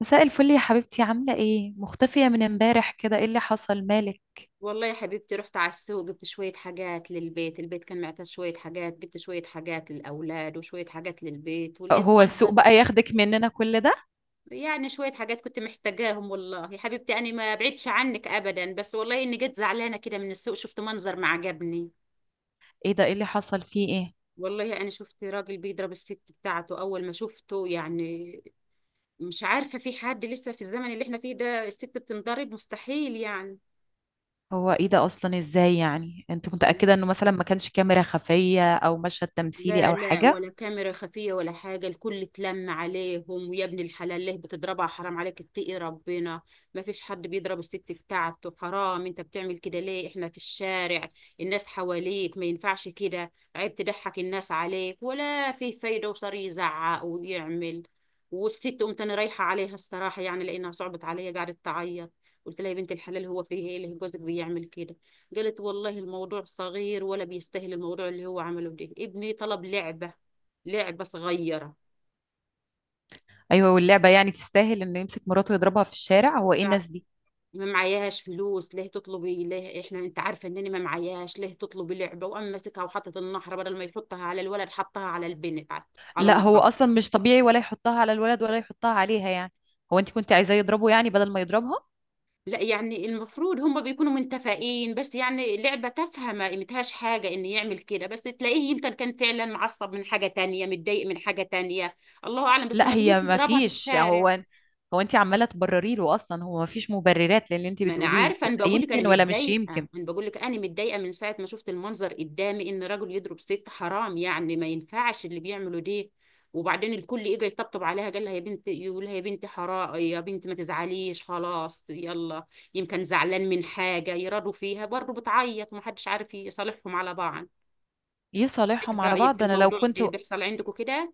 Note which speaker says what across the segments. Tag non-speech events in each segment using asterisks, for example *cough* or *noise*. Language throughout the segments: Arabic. Speaker 1: مساء الفل يا حبيبتي، عاملة ايه؟ مختفية من امبارح كده، ايه اللي حصل؟ مالك؟
Speaker 2: والله يا حبيبتي، رحت على السوق. جبت شوية حاجات للبيت. البيت كان معتز شوية حاجات. جبت شوية حاجات للأولاد وشوية حاجات للبيت، ولقيت
Speaker 1: هو السوق
Speaker 2: منظر.
Speaker 1: بقى ياخدك مننا كل ده؟
Speaker 2: يعني شوية حاجات كنت محتاجاهم. والله يا حبيبتي أنا ما بعدش عنك أبدا، بس والله إني جيت زعلانة كده من السوق. شفت منظر ما عجبني.
Speaker 1: ايه ده؟ ايه اللي حصل؟ فيه ايه؟
Speaker 2: والله أنا شفت راجل بيضرب الست بتاعته. أول ما شفته يعني، مش عارفة في حد لسه في الزمن اللي احنا فيه ده الست بتنضرب؟ مستحيل يعني.
Speaker 1: هو ايه ده اصلا؟ ازاي يعني؟ انت متأكدة انه مثلا ما كانش كاميرا خفية او مشهد تمثيلي
Speaker 2: لا
Speaker 1: او
Speaker 2: لا،
Speaker 1: حاجة؟
Speaker 2: ولا كاميرا خفية ولا حاجة. الكل اتلم عليهم. ويا ابن الحلال ليه بتضربها؟ حرام عليك، اتقي ربنا. ما فيش حد بيضرب الست بتاعته. حرام انت بتعمل كده ليه؟ احنا في الشارع، الناس حواليك. ما ينفعش كده، عيب. تضحك الناس عليك ولا في فايدة. وصار يزعق ويعمل. والست قمت انا رايحة عليها الصراحة، يعني لانها صعبت عليا. قعدت تعيط. قلت لها يا بنت الحلال، هو فيه ايه اللي جوزك بيعمل كده؟ قالت والله الموضوع صغير ولا بيستاهل. الموضوع اللي هو عمله ده، ابني طلب لعبة. لعبة صغيرة.
Speaker 1: ايوه، واللعبة يعني تستاهل انه يمسك مراته ويضربها في الشارع؟ هو ايه
Speaker 2: فع-
Speaker 1: الناس دي؟
Speaker 2: ما معياش فلوس، ليه تطلبي؟ ليه؟ احنا انت عارفه انني ما معياش، ليه تطلبي لعبه؟ وقام ماسكها وحطت النحره. بدل ما يحطها على الولد، حطها على البنت، على
Speaker 1: لا هو
Speaker 2: مراته.
Speaker 1: اصلا مش طبيعي، ولا يحطها على الولد ولا يحطها عليها يعني. هو انت كنت عايزاه يضربه يعني بدل ما يضربها؟
Speaker 2: لا يعني، المفروض هم بيكونوا متفقين. بس يعني لعبه تافهه ما قيمتهاش حاجه ان يعمل كده. بس تلاقيه يمكن كان فعلا معصب من حاجه تانية، متضايق من حاجه تانية. الله اعلم، بس
Speaker 1: لا،
Speaker 2: ما لهوش
Speaker 1: هي ما
Speaker 2: يضربها في
Speaker 1: فيش.
Speaker 2: الشارع.
Speaker 1: هو هو انت عماله تبرري له اصلا، هو ما فيش مبررات للي انت
Speaker 2: ما انا
Speaker 1: بتقوليه،
Speaker 2: عارفه، انا
Speaker 1: ولا
Speaker 2: بقول لك انا
Speaker 1: يمكن ولا مش
Speaker 2: متضايقه.
Speaker 1: يمكن.
Speaker 2: من ساعه ما شفت المنظر قدامي ان رجل يضرب ست. حرام يعني، ما ينفعش اللي بيعمله ده. وبعدين الكل اجى يطبطب عليها، قال لها يا بنت، يقول لها يا بنت حرام، يا بنت ما تزعليش خلاص، يلا. يمكن زعلان من حاجه يرادوا فيها برضه بتعيط ومحدش عارف يصالحهم على بعض. ايه
Speaker 1: يصالحهم على
Speaker 2: رايك في
Speaker 1: بعض، انا لو
Speaker 2: الموضوع
Speaker 1: كنت.
Speaker 2: ده؟ بيحصل عندكم كده؟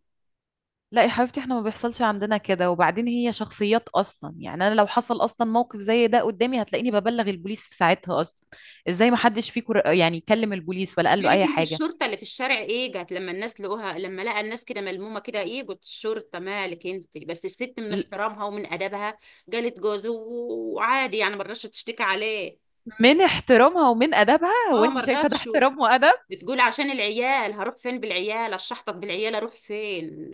Speaker 1: لا يا حبيبتي، احنا ما بيحصلش عندنا كده. وبعدين هي شخصيات اصلا يعني، انا لو حصل اصلا موقف زي ده قدامي هتلاقيني ببلغ البوليس في ساعتها اصلا. ازاي ما حدش فيكم يعني كلم البوليس ولا قال له
Speaker 2: مالك
Speaker 1: اي
Speaker 2: انت؟
Speaker 1: حاجه؟
Speaker 2: الشرطة اللي في الشارع ايه جت؟ لما الناس لقوها، لما لقى الناس كده ملمومة كده، ايه جت الشرطة؟ مالك انت؟ بس الست من
Speaker 1: ل-
Speaker 2: احترامها ومن ادبها جالت جوزه وعادي يعني، ما رضتش تشتكي عليه.
Speaker 1: من احترامها ومن ادبها؟ هو
Speaker 2: اه
Speaker 1: انت
Speaker 2: ما
Speaker 1: شايفه ده
Speaker 2: رضتش.
Speaker 1: احترام وادب؟
Speaker 2: بتقول عشان العيال هروح فين؟ بالعيال اشحطط؟ بالعيال اروح فين؟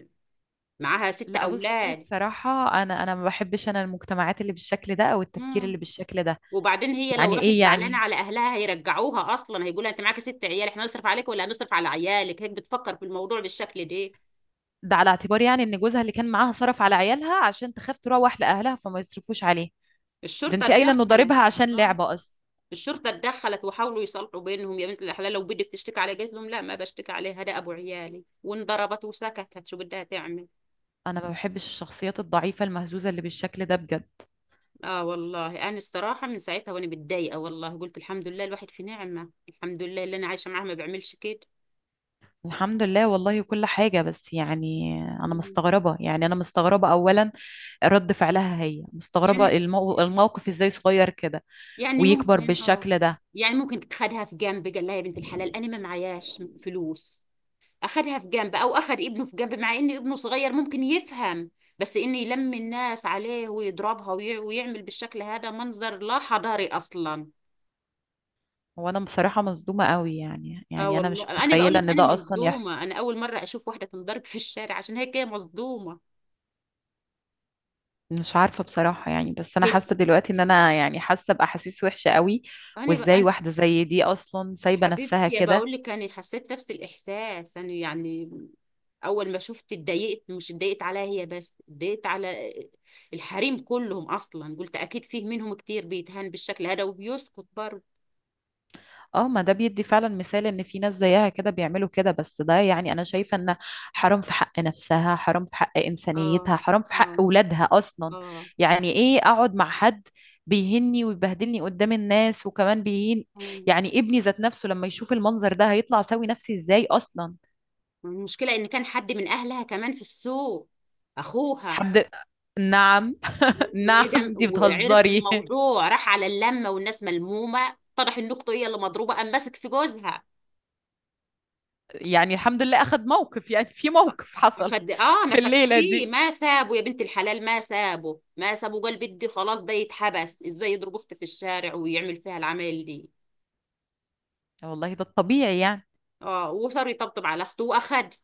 Speaker 2: معاها ست
Speaker 1: لا بصي
Speaker 2: اولاد
Speaker 1: بصراحه، انا ما بحبش انا المجتمعات اللي بالشكل ده او التفكير
Speaker 2: مم.
Speaker 1: اللي بالشكل ده.
Speaker 2: وبعدين هي لو
Speaker 1: يعني
Speaker 2: راحت
Speaker 1: ايه
Speaker 2: زعلانه
Speaker 1: يعني؟
Speaker 2: على اهلها هيرجعوها اصلا. هيقولها انت معاكي 6 عيال، احنا هنصرف عليك ولا هنصرف على عيالك؟ هيك بتفكر في الموضوع بالشكل ده.
Speaker 1: ده على اعتبار يعني ان جوزها اللي كان معاها صرف على عيالها عشان تخاف تروح لاهلها فما يصرفوش عليه. ده
Speaker 2: الشرطه
Speaker 1: انت قايله انه
Speaker 2: اتدخلت.
Speaker 1: ضاربها عشان
Speaker 2: اه
Speaker 1: لعبه اصلا.
Speaker 2: الشرطة اتدخلت وحاولوا يصلحوا بينهم. يا بنت الحلال لو بدي بتشتكي علي، قالت لهم لا ما بشتكي عليها، ده أبو عيالي. وانضربت وسكتت، شو بدها تعمل؟
Speaker 1: انا ما بحبش الشخصيات الضعيفه المهزوزه اللي بالشكل ده بجد.
Speaker 2: آه والله، أنا الصراحة من ساعتها وأنا متضايقة. والله قلت الحمد لله الواحد في نعمة. الحمد لله اللي أنا عايشة معاه ما بيعملش كده.
Speaker 1: الحمد لله والله، كل حاجة بس يعني أنا
Speaker 2: مم.
Speaker 1: مستغربة. يعني أنا مستغربة أولا رد فعلها هي. مستغربة
Speaker 2: يعني،
Speaker 1: الموقف إزاي صغير كده
Speaker 2: يعني
Speaker 1: ويكبر
Speaker 2: ممكن آه.
Speaker 1: بالشكل ده.
Speaker 2: يعني ممكن تتخدها في جنب، قال لها يا بنت الحلال أنا ما معياش فلوس. اخدها في جنب او اخد ابنه في جنب، مع ان ابنه صغير ممكن يفهم. بس ان يلم الناس عليه ويضربها ويعمل بالشكل هذا منظر لا حضاري اصلا.
Speaker 1: وأنا بصراحة مصدومة قوي، يعني
Speaker 2: اه
Speaker 1: يعني أنا
Speaker 2: والله
Speaker 1: مش
Speaker 2: انا بقول
Speaker 1: متخيلة
Speaker 2: لك
Speaker 1: إن
Speaker 2: انا
Speaker 1: ده أصلا يحصل.
Speaker 2: مصدومه، انا اول مره اشوف واحده تنضرب في الشارع. عشان هيك هي مصدومه.
Speaker 1: مش عارفة بصراحة يعني، بس أنا
Speaker 2: هي س-
Speaker 1: حاسة دلوقتي إن أنا يعني حاسة بأحاسيس وحشة قوي. وإزاي
Speaker 2: أنا
Speaker 1: واحدة زي دي أصلا سايبة نفسها
Speaker 2: حبيبتي
Speaker 1: كده.
Speaker 2: بقول لك انا حسيت نفس الاحساس انا يعني. اول ما شفت اتضايقت، مش اتضايقت عليها هي بس، اتضايقت على الحريم كلهم اصلا. قلت اكيد فيه منهم كتير بيتهان بالشكل هذا وبيسكت برضه.
Speaker 1: اه، ما ده بيدي فعلا مثال إن في ناس زيها كده بيعملوا كده. بس ده يعني أنا شايفة إن حرام في حق نفسها، حرام في حق
Speaker 2: اه
Speaker 1: إنسانيتها، حرام في حق
Speaker 2: اه
Speaker 1: أولادها أصلا.
Speaker 2: اه.
Speaker 1: يعني إيه أقعد مع حد بيهني ويبهدلني قدام الناس وكمان بيهين؟
Speaker 2: مم.
Speaker 1: يعني ابني ذات نفسه لما يشوف المنظر ده هيطلع سوي نفسي إزاي أصلا.
Speaker 2: المشكلة ان كان حد من اهلها كمان في السوق، اخوها.
Speaker 1: حد؟ نعم؟ *laughs* نعم،
Speaker 2: وجم
Speaker 1: انتي
Speaker 2: وعرف
Speaker 1: بتهزري.
Speaker 2: بالموضوع، راح على اللمة والناس ملمومة، طرح ان اخته هي اللي مضروبة، قام ماسك في جوزها.
Speaker 1: يعني الحمد لله أخد موقف، يعني في موقف حصل
Speaker 2: خد اه
Speaker 1: في
Speaker 2: مسك
Speaker 1: الليلة
Speaker 2: فيه
Speaker 1: دي.
Speaker 2: ما سابه. يا بنت الحلال ما سابه، ما سابه. قال بدي خلاص ده يتحبس، ازاي يضرب اختي في الشارع ويعمل فيها العمل دي.
Speaker 1: والله ده الطبيعي يعني.
Speaker 2: اه وصار يطبطب على اخته، واخد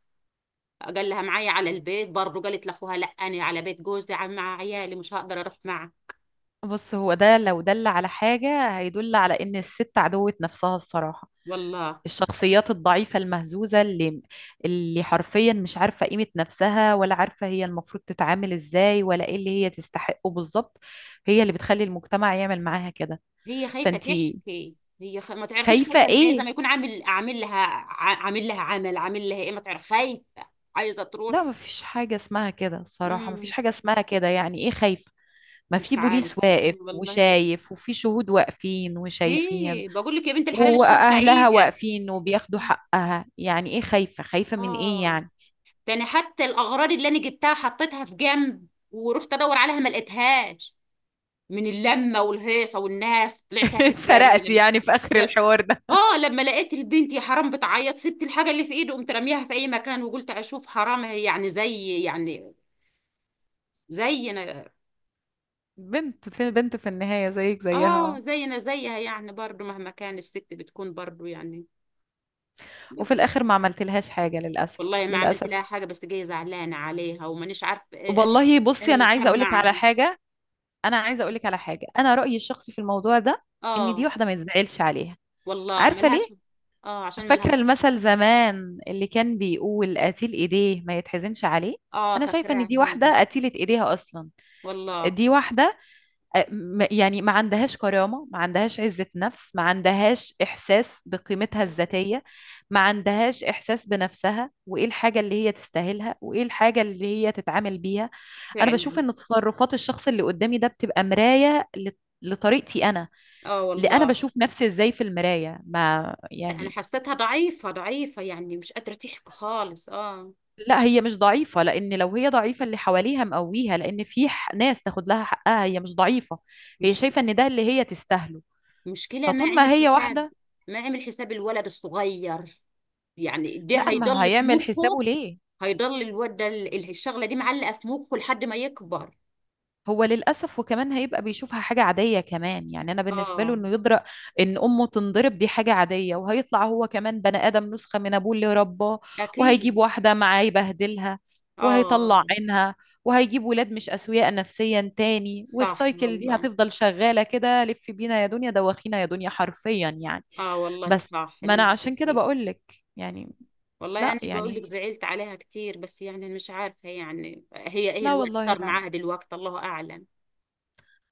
Speaker 2: قال لها معايا على البيت برضه. قالت لاخوها لا انا على بيت جوزي مع عيالي، مش هقدر اروح معه.
Speaker 1: بص، هو ده لو دل على حاجة هيدل على إن الست عدوة نفسها الصراحة.
Speaker 2: والله
Speaker 1: الشخصيات الضعيفة المهزوزة اللي اللي حرفيا مش عارفة قيمة نفسها، ولا عارفة هي المفروض تتعامل إزاي، ولا إيه اللي هي تستحقه بالظبط، هي اللي بتخلي المجتمع يعمل معاها كده.
Speaker 2: هي خايفه
Speaker 1: فأنتي
Speaker 2: تحكي. ما تعرفيش
Speaker 1: خايفة
Speaker 2: خايفه من ايه. زي
Speaker 1: إيه؟
Speaker 2: ما يكون عامل، عامل لها عمل، عامل لها ايه، ما تعرف خايفه. عايزه تروح.
Speaker 1: لا مفيش حاجة اسمها كده الصراحة، مفيش
Speaker 2: امم
Speaker 1: حاجة اسمها كده. يعني إيه خايفة؟ ما
Speaker 2: مش
Speaker 1: في
Speaker 2: عارفه.
Speaker 1: بوليس واقف
Speaker 2: انا والله
Speaker 1: وشايف، وفي شهود واقفين
Speaker 2: في
Speaker 1: وشايفين،
Speaker 2: بقول لك يا بنت الحلال الشرطه ايه
Speaker 1: واهلها
Speaker 2: ده؟
Speaker 1: واقفين وبياخدوا حقها. يعني ايه خايفة؟ خايفة من ايه
Speaker 2: اه
Speaker 1: يعني؟
Speaker 2: ده انا حتى الاغراض اللي انا جبتها حطيتها في جنب، ورحت ادور عليها ما لقيتهاش. من اللمة والهيصة والناس، طلعت
Speaker 1: *laughs*
Speaker 2: أجري جري
Speaker 1: اتسرقت
Speaker 2: لما،
Speaker 1: يعني في اخر
Speaker 2: لا
Speaker 1: الحوار ده.
Speaker 2: اه، لما لقيت البنت يا حرام بتعيط، سبت الحاجة اللي في ايده قمت راميها في أي مكان، وقلت أشوف حرام هي يعني زي يعني زينا.
Speaker 1: بنت في بنت في النهاية، زيك زيها
Speaker 2: اه
Speaker 1: اه.
Speaker 2: زينا زيها يعني، برضو مهما كان الست بتكون برضو يعني.
Speaker 1: وفي
Speaker 2: بس
Speaker 1: الاخر ما عملتلهاش حاجة للاسف.
Speaker 2: والله ما عملت
Speaker 1: للاسف.
Speaker 2: لها حاجة، بس جاية زعلانة عليها ومانيش عارف ايه.
Speaker 1: والله
Speaker 2: إيه
Speaker 1: بصي، انا
Speaker 2: اللي
Speaker 1: عايزة
Speaker 2: صار
Speaker 1: اقولك على
Speaker 2: معها.
Speaker 1: حاجة. انا عايزة اقولك على حاجة، انا رأيي الشخصي في الموضوع ده ان دي
Speaker 2: اه
Speaker 1: واحدة ما يتزعلش عليها.
Speaker 2: والله
Speaker 1: عارفة ليه؟
Speaker 2: ملهاش. اه عشان
Speaker 1: فاكرة
Speaker 2: ملهاش.
Speaker 1: المثل زمان اللي كان بيقول: قتيل ايديه ما يتحزنش عليه؟
Speaker 2: اه
Speaker 1: انا شايفة ان
Speaker 2: فاكراها.
Speaker 1: دي واحدة قتيلة ايديها اصلا.
Speaker 2: والله.
Speaker 1: دي واحدة آه، يعني ما عندهاش كرامة، ما عندهاش عزة نفس، ما عندهاش احساس بقيمتها
Speaker 2: مم.
Speaker 1: الذاتية، ما عندهاش احساس بنفسها وايه الحاجة اللي هي تستاهلها وايه الحاجة اللي هي تتعامل بيها. انا بشوف
Speaker 2: فعلا.
Speaker 1: ان تصرفات الشخص اللي قدامي ده بتبقى مراية لطريقتي انا،
Speaker 2: اه
Speaker 1: اللي انا
Speaker 2: والله
Speaker 1: بشوف نفسي ازاي في المراية ما
Speaker 2: انا
Speaker 1: يعني.
Speaker 2: حسيتها ضعيفة ضعيفة يعني، مش قادرة تحكي خالص. اه
Speaker 1: لا هي مش ضعيفة، لأن لو هي ضعيفة اللي حواليها مقويها، لأن في ناس تاخد لها حقها. هي مش ضعيفة، هي
Speaker 2: مش،
Speaker 1: شايفة إن ده اللي هي تستاهله.
Speaker 2: مشكلة، ما
Speaker 1: فطول
Speaker 2: عمل
Speaker 1: ما هي
Speaker 2: حساب،
Speaker 1: واحدة،
Speaker 2: ما عمل حساب الولد الصغير. يعني ده
Speaker 1: لا ما
Speaker 2: هيضل في
Speaker 1: هيعمل
Speaker 2: مخه.
Speaker 1: حسابه ليه.
Speaker 2: هيضل الولد ده الشغلة دي معلقة في مخه لحد ما يكبر.
Speaker 1: هو للأسف وكمان هيبقى بيشوفها حاجة عادية كمان. يعني أنا بالنسبة له
Speaker 2: اه
Speaker 1: إنه يدرأ إن أمه تنضرب دي حاجة عادية، وهيطلع هو كمان بني آدم نسخة من أبوه اللي رباه، وهيجيب
Speaker 2: اكيد.
Speaker 1: واحدة معاه يبهدلها وهيطلع
Speaker 2: اه
Speaker 1: عينها، وهيجيب ولاد مش أسوياء نفسيا تاني.
Speaker 2: صح
Speaker 1: والسايكل دي
Speaker 2: والله.
Speaker 1: هتفضل شغالة كده، لف بينا يا دنيا، دوخينا يا دنيا، حرفيا يعني.
Speaker 2: اه والله
Speaker 1: بس
Speaker 2: صح
Speaker 1: ما
Speaker 2: اللي
Speaker 1: أنا
Speaker 2: انت
Speaker 1: عشان كده
Speaker 2: بتحكيه.
Speaker 1: بقولك يعني.
Speaker 2: والله
Speaker 1: لا
Speaker 2: انا بقول لك
Speaker 1: يعني،
Speaker 2: زعلت عليها كتير، بس يعني مش عارفة يعني هي ايه
Speaker 1: لا
Speaker 2: الوقت
Speaker 1: والله،
Speaker 2: صار
Speaker 1: لا لا.
Speaker 2: معاها دلوقتي، الله اعلم.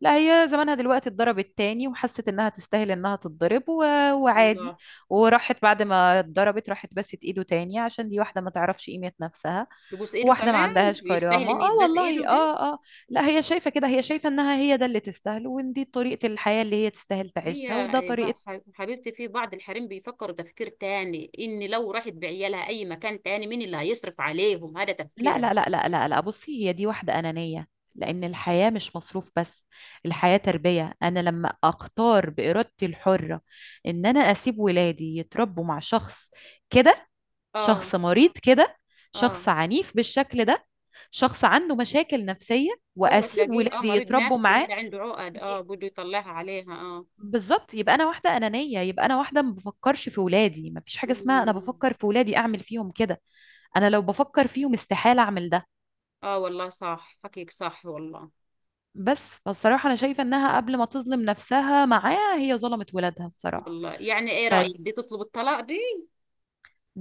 Speaker 1: لا هي زمانها دلوقتي اتضربت تاني، وحست انها تستاهل انها تتضرب و... وعادي.
Speaker 2: والله.
Speaker 1: وراحت بعد ما اتضربت راحت بست ايده تاني، عشان دي واحدة ما تعرفش قيمة نفسها.
Speaker 2: يبوس ايده
Speaker 1: واحدة ما
Speaker 2: كمان؟
Speaker 1: عندهاش
Speaker 2: ويستاهل
Speaker 1: كرامة،
Speaker 2: ان
Speaker 1: اه
Speaker 2: يتباس ايده
Speaker 1: والله
Speaker 2: ده؟
Speaker 1: اه اه. لا هي شايفة كده، هي شايفة انها هي ده اللي تستاهله، وان دي طريقة الحياة اللي هي تستاهل
Speaker 2: هي
Speaker 1: تعيشها، وده طريقة.
Speaker 2: حبيبتي في بعض الحريم بيفكر تفكير تاني، ان لو راحت بعيالها اي مكان تاني مين اللي هيصرف عليهم؟ هذا
Speaker 1: لا
Speaker 2: تفكيرها.
Speaker 1: لا لا لا لا لا، بصي هي دي واحدة أنانية. لأن الحياة مش مصروف بس، الحياة تربية. أنا لما أختار بإرادتي الحرة إن أنا أسيب ولادي يتربوا مع شخص كده،
Speaker 2: اه
Speaker 1: شخص مريض كده، شخص
Speaker 2: اه.
Speaker 1: عنيف بالشكل ده، شخص عنده مشاكل نفسية،
Speaker 2: هو
Speaker 1: وأسيب
Speaker 2: تلاقيه اه
Speaker 1: ولادي
Speaker 2: مريض
Speaker 1: يتربوا
Speaker 2: نفسي
Speaker 1: معاه.
Speaker 2: هذا، عنده عقد
Speaker 1: ي-
Speaker 2: اه، بده يطلعها عليها اه.
Speaker 1: بالظبط يبقى أنا واحدة أنانية، يبقى أنا واحدة ما بفكرش في ولادي. مفيش حاجة اسمها أنا
Speaker 2: مم.
Speaker 1: بفكر في ولادي أعمل فيهم كده. أنا لو بفكر فيهم استحالة أعمل ده.
Speaker 2: اه والله صح، حكيك صح والله.
Speaker 1: بس فالصراحة أنا شايفة إنها قبل ما تظلم نفسها معاه هي ظلمت ولادها الصراحة.
Speaker 2: والله يعني ايه
Speaker 1: فدي
Speaker 2: رأيك دي تطلب الطلاق دي؟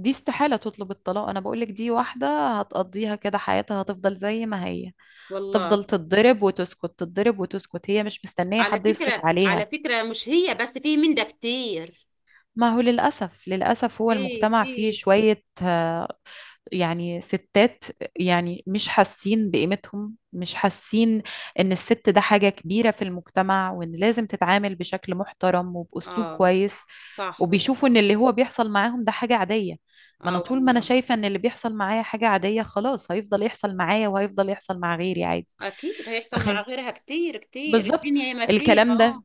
Speaker 1: استحالة تطلب الطلاق. أنا بقولك دي واحدة هتقضيها كده حياتها، هتفضل زي ما هي،
Speaker 2: والله.
Speaker 1: هتفضل تتضرب وتسكت، تتضرب وتسكت، هي مش مستنية
Speaker 2: على
Speaker 1: حد يصرف
Speaker 2: فكرة
Speaker 1: عليها.
Speaker 2: على فكرة، مش هي بس، في من ده كتير،
Speaker 1: ما هو للأسف، للأسف هو
Speaker 2: في
Speaker 1: المجتمع فيه
Speaker 2: في
Speaker 1: شوية يعني ستات يعني مش حاسين بقيمتهم، مش حاسين ان الست ده حاجة كبيرة في المجتمع، وان لازم تتعامل بشكل محترم وبأسلوب
Speaker 2: اه
Speaker 1: كويس.
Speaker 2: صح.
Speaker 1: وبيشوفوا ان اللي هو بيحصل معاهم ده حاجة عادية. ما
Speaker 2: اه
Speaker 1: انا طول ما انا
Speaker 2: والله
Speaker 1: شايفة ان اللي بيحصل معايا حاجة عادية خلاص هيفضل يحصل معايا، وهيفضل يحصل مع غيري عادي.
Speaker 2: اكيد هيحصل مع
Speaker 1: تخيل.
Speaker 2: غيرها كتير كتير.
Speaker 1: بالظبط.
Speaker 2: الدنيا ما فيها
Speaker 1: الكلام
Speaker 2: اه
Speaker 1: ده،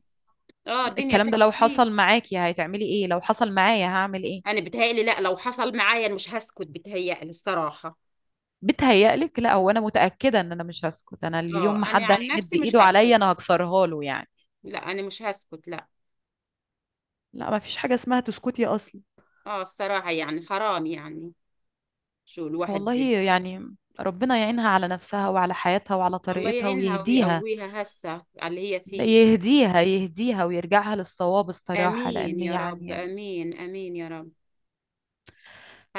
Speaker 2: اه. الدنيا
Speaker 1: الكلام
Speaker 2: فيها
Speaker 1: ده لو
Speaker 2: كتير.
Speaker 1: حصل معاكي هتعملي ايه؟ لو حصل معايا هعمل ايه؟
Speaker 2: انا بتهيألي لا، لو حصل معايا أنا مش هسكت بتهيألي الصراحة.
Speaker 1: بتهيألك؟ لا هو انا متأكدة ان انا مش هسكت. انا اليوم
Speaker 2: اه
Speaker 1: ما
Speaker 2: انا
Speaker 1: حد
Speaker 2: عن
Speaker 1: هيمد
Speaker 2: نفسي مش
Speaker 1: ايده
Speaker 2: هسكت،
Speaker 1: عليا، انا هكسرها له يعني.
Speaker 2: لا انا مش هسكت، لا.
Speaker 1: لا ما فيش حاجة اسمها تسكتي اصلا.
Speaker 2: اه الصراحة يعني حرام يعني. شو الواحد
Speaker 1: والله.
Speaker 2: بي.
Speaker 1: يعني ربنا يعينها على نفسها وعلى حياتها وعلى
Speaker 2: الله
Speaker 1: طريقتها
Speaker 2: يعينها
Speaker 1: ويهديها.
Speaker 2: ويقويها هسه على اللي هي
Speaker 1: لا
Speaker 2: فيه.
Speaker 1: يهديها، يهديها ويرجعها للصواب الصراحة،
Speaker 2: امين
Speaker 1: لأن
Speaker 2: يا رب،
Speaker 1: يعني.
Speaker 2: امين، امين يا رب.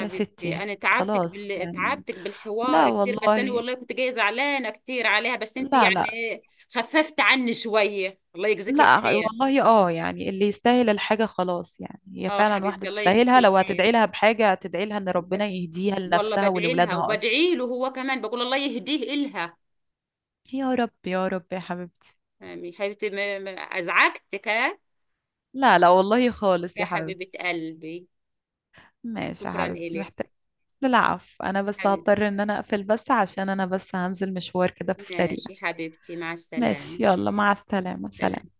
Speaker 1: يا ستي
Speaker 2: انا
Speaker 1: خلاص يعني.
Speaker 2: تعبتك
Speaker 1: لا
Speaker 2: بالحوار كتير، بس انا
Speaker 1: والله،
Speaker 2: والله كنت جايه زعلانه كتير عليها، بس انت
Speaker 1: لا
Speaker 2: يعني
Speaker 1: لا.
Speaker 2: ايه خففت عني شويه، الله يجزيك
Speaker 1: لا
Speaker 2: الخير.
Speaker 1: والله اه، يعني اللي يستاهل الحاجة خلاص يعني، هي
Speaker 2: اه
Speaker 1: فعلا واحدة
Speaker 2: حبيبتي الله يجزيك
Speaker 1: تستاهلها. لو
Speaker 2: الخير.
Speaker 1: هتدعي لها بحاجة هتدعي لها ان
Speaker 2: ب...
Speaker 1: ربنا يهديها
Speaker 2: والله
Speaker 1: لنفسها
Speaker 2: بدعي لها
Speaker 1: ولولادها اصلا.
Speaker 2: وبدعي له هو كمان، بقول الله يهديه إلها.
Speaker 1: يا رب يا رب يا حبيبتي.
Speaker 2: يعني حبيبتي ما... ما... ازعجتك ها؟
Speaker 1: لا لا والله خالص
Speaker 2: يا
Speaker 1: يا
Speaker 2: حبيبه
Speaker 1: حبيبتي.
Speaker 2: قلبي،
Speaker 1: ماشي يا
Speaker 2: شكرا
Speaker 1: حبيبتي،
Speaker 2: إلك.
Speaker 1: محتاج. العفو، انا بس
Speaker 2: حبيبتي،
Speaker 1: هضطر ان انا اقفل، بس عشان انا بس هنزل مشوار كده في السريع.
Speaker 2: ماشي حبيبتي، مع
Speaker 1: ماشي،
Speaker 2: السلامه.
Speaker 1: يلا مع السلامة،
Speaker 2: سلام.
Speaker 1: سلام.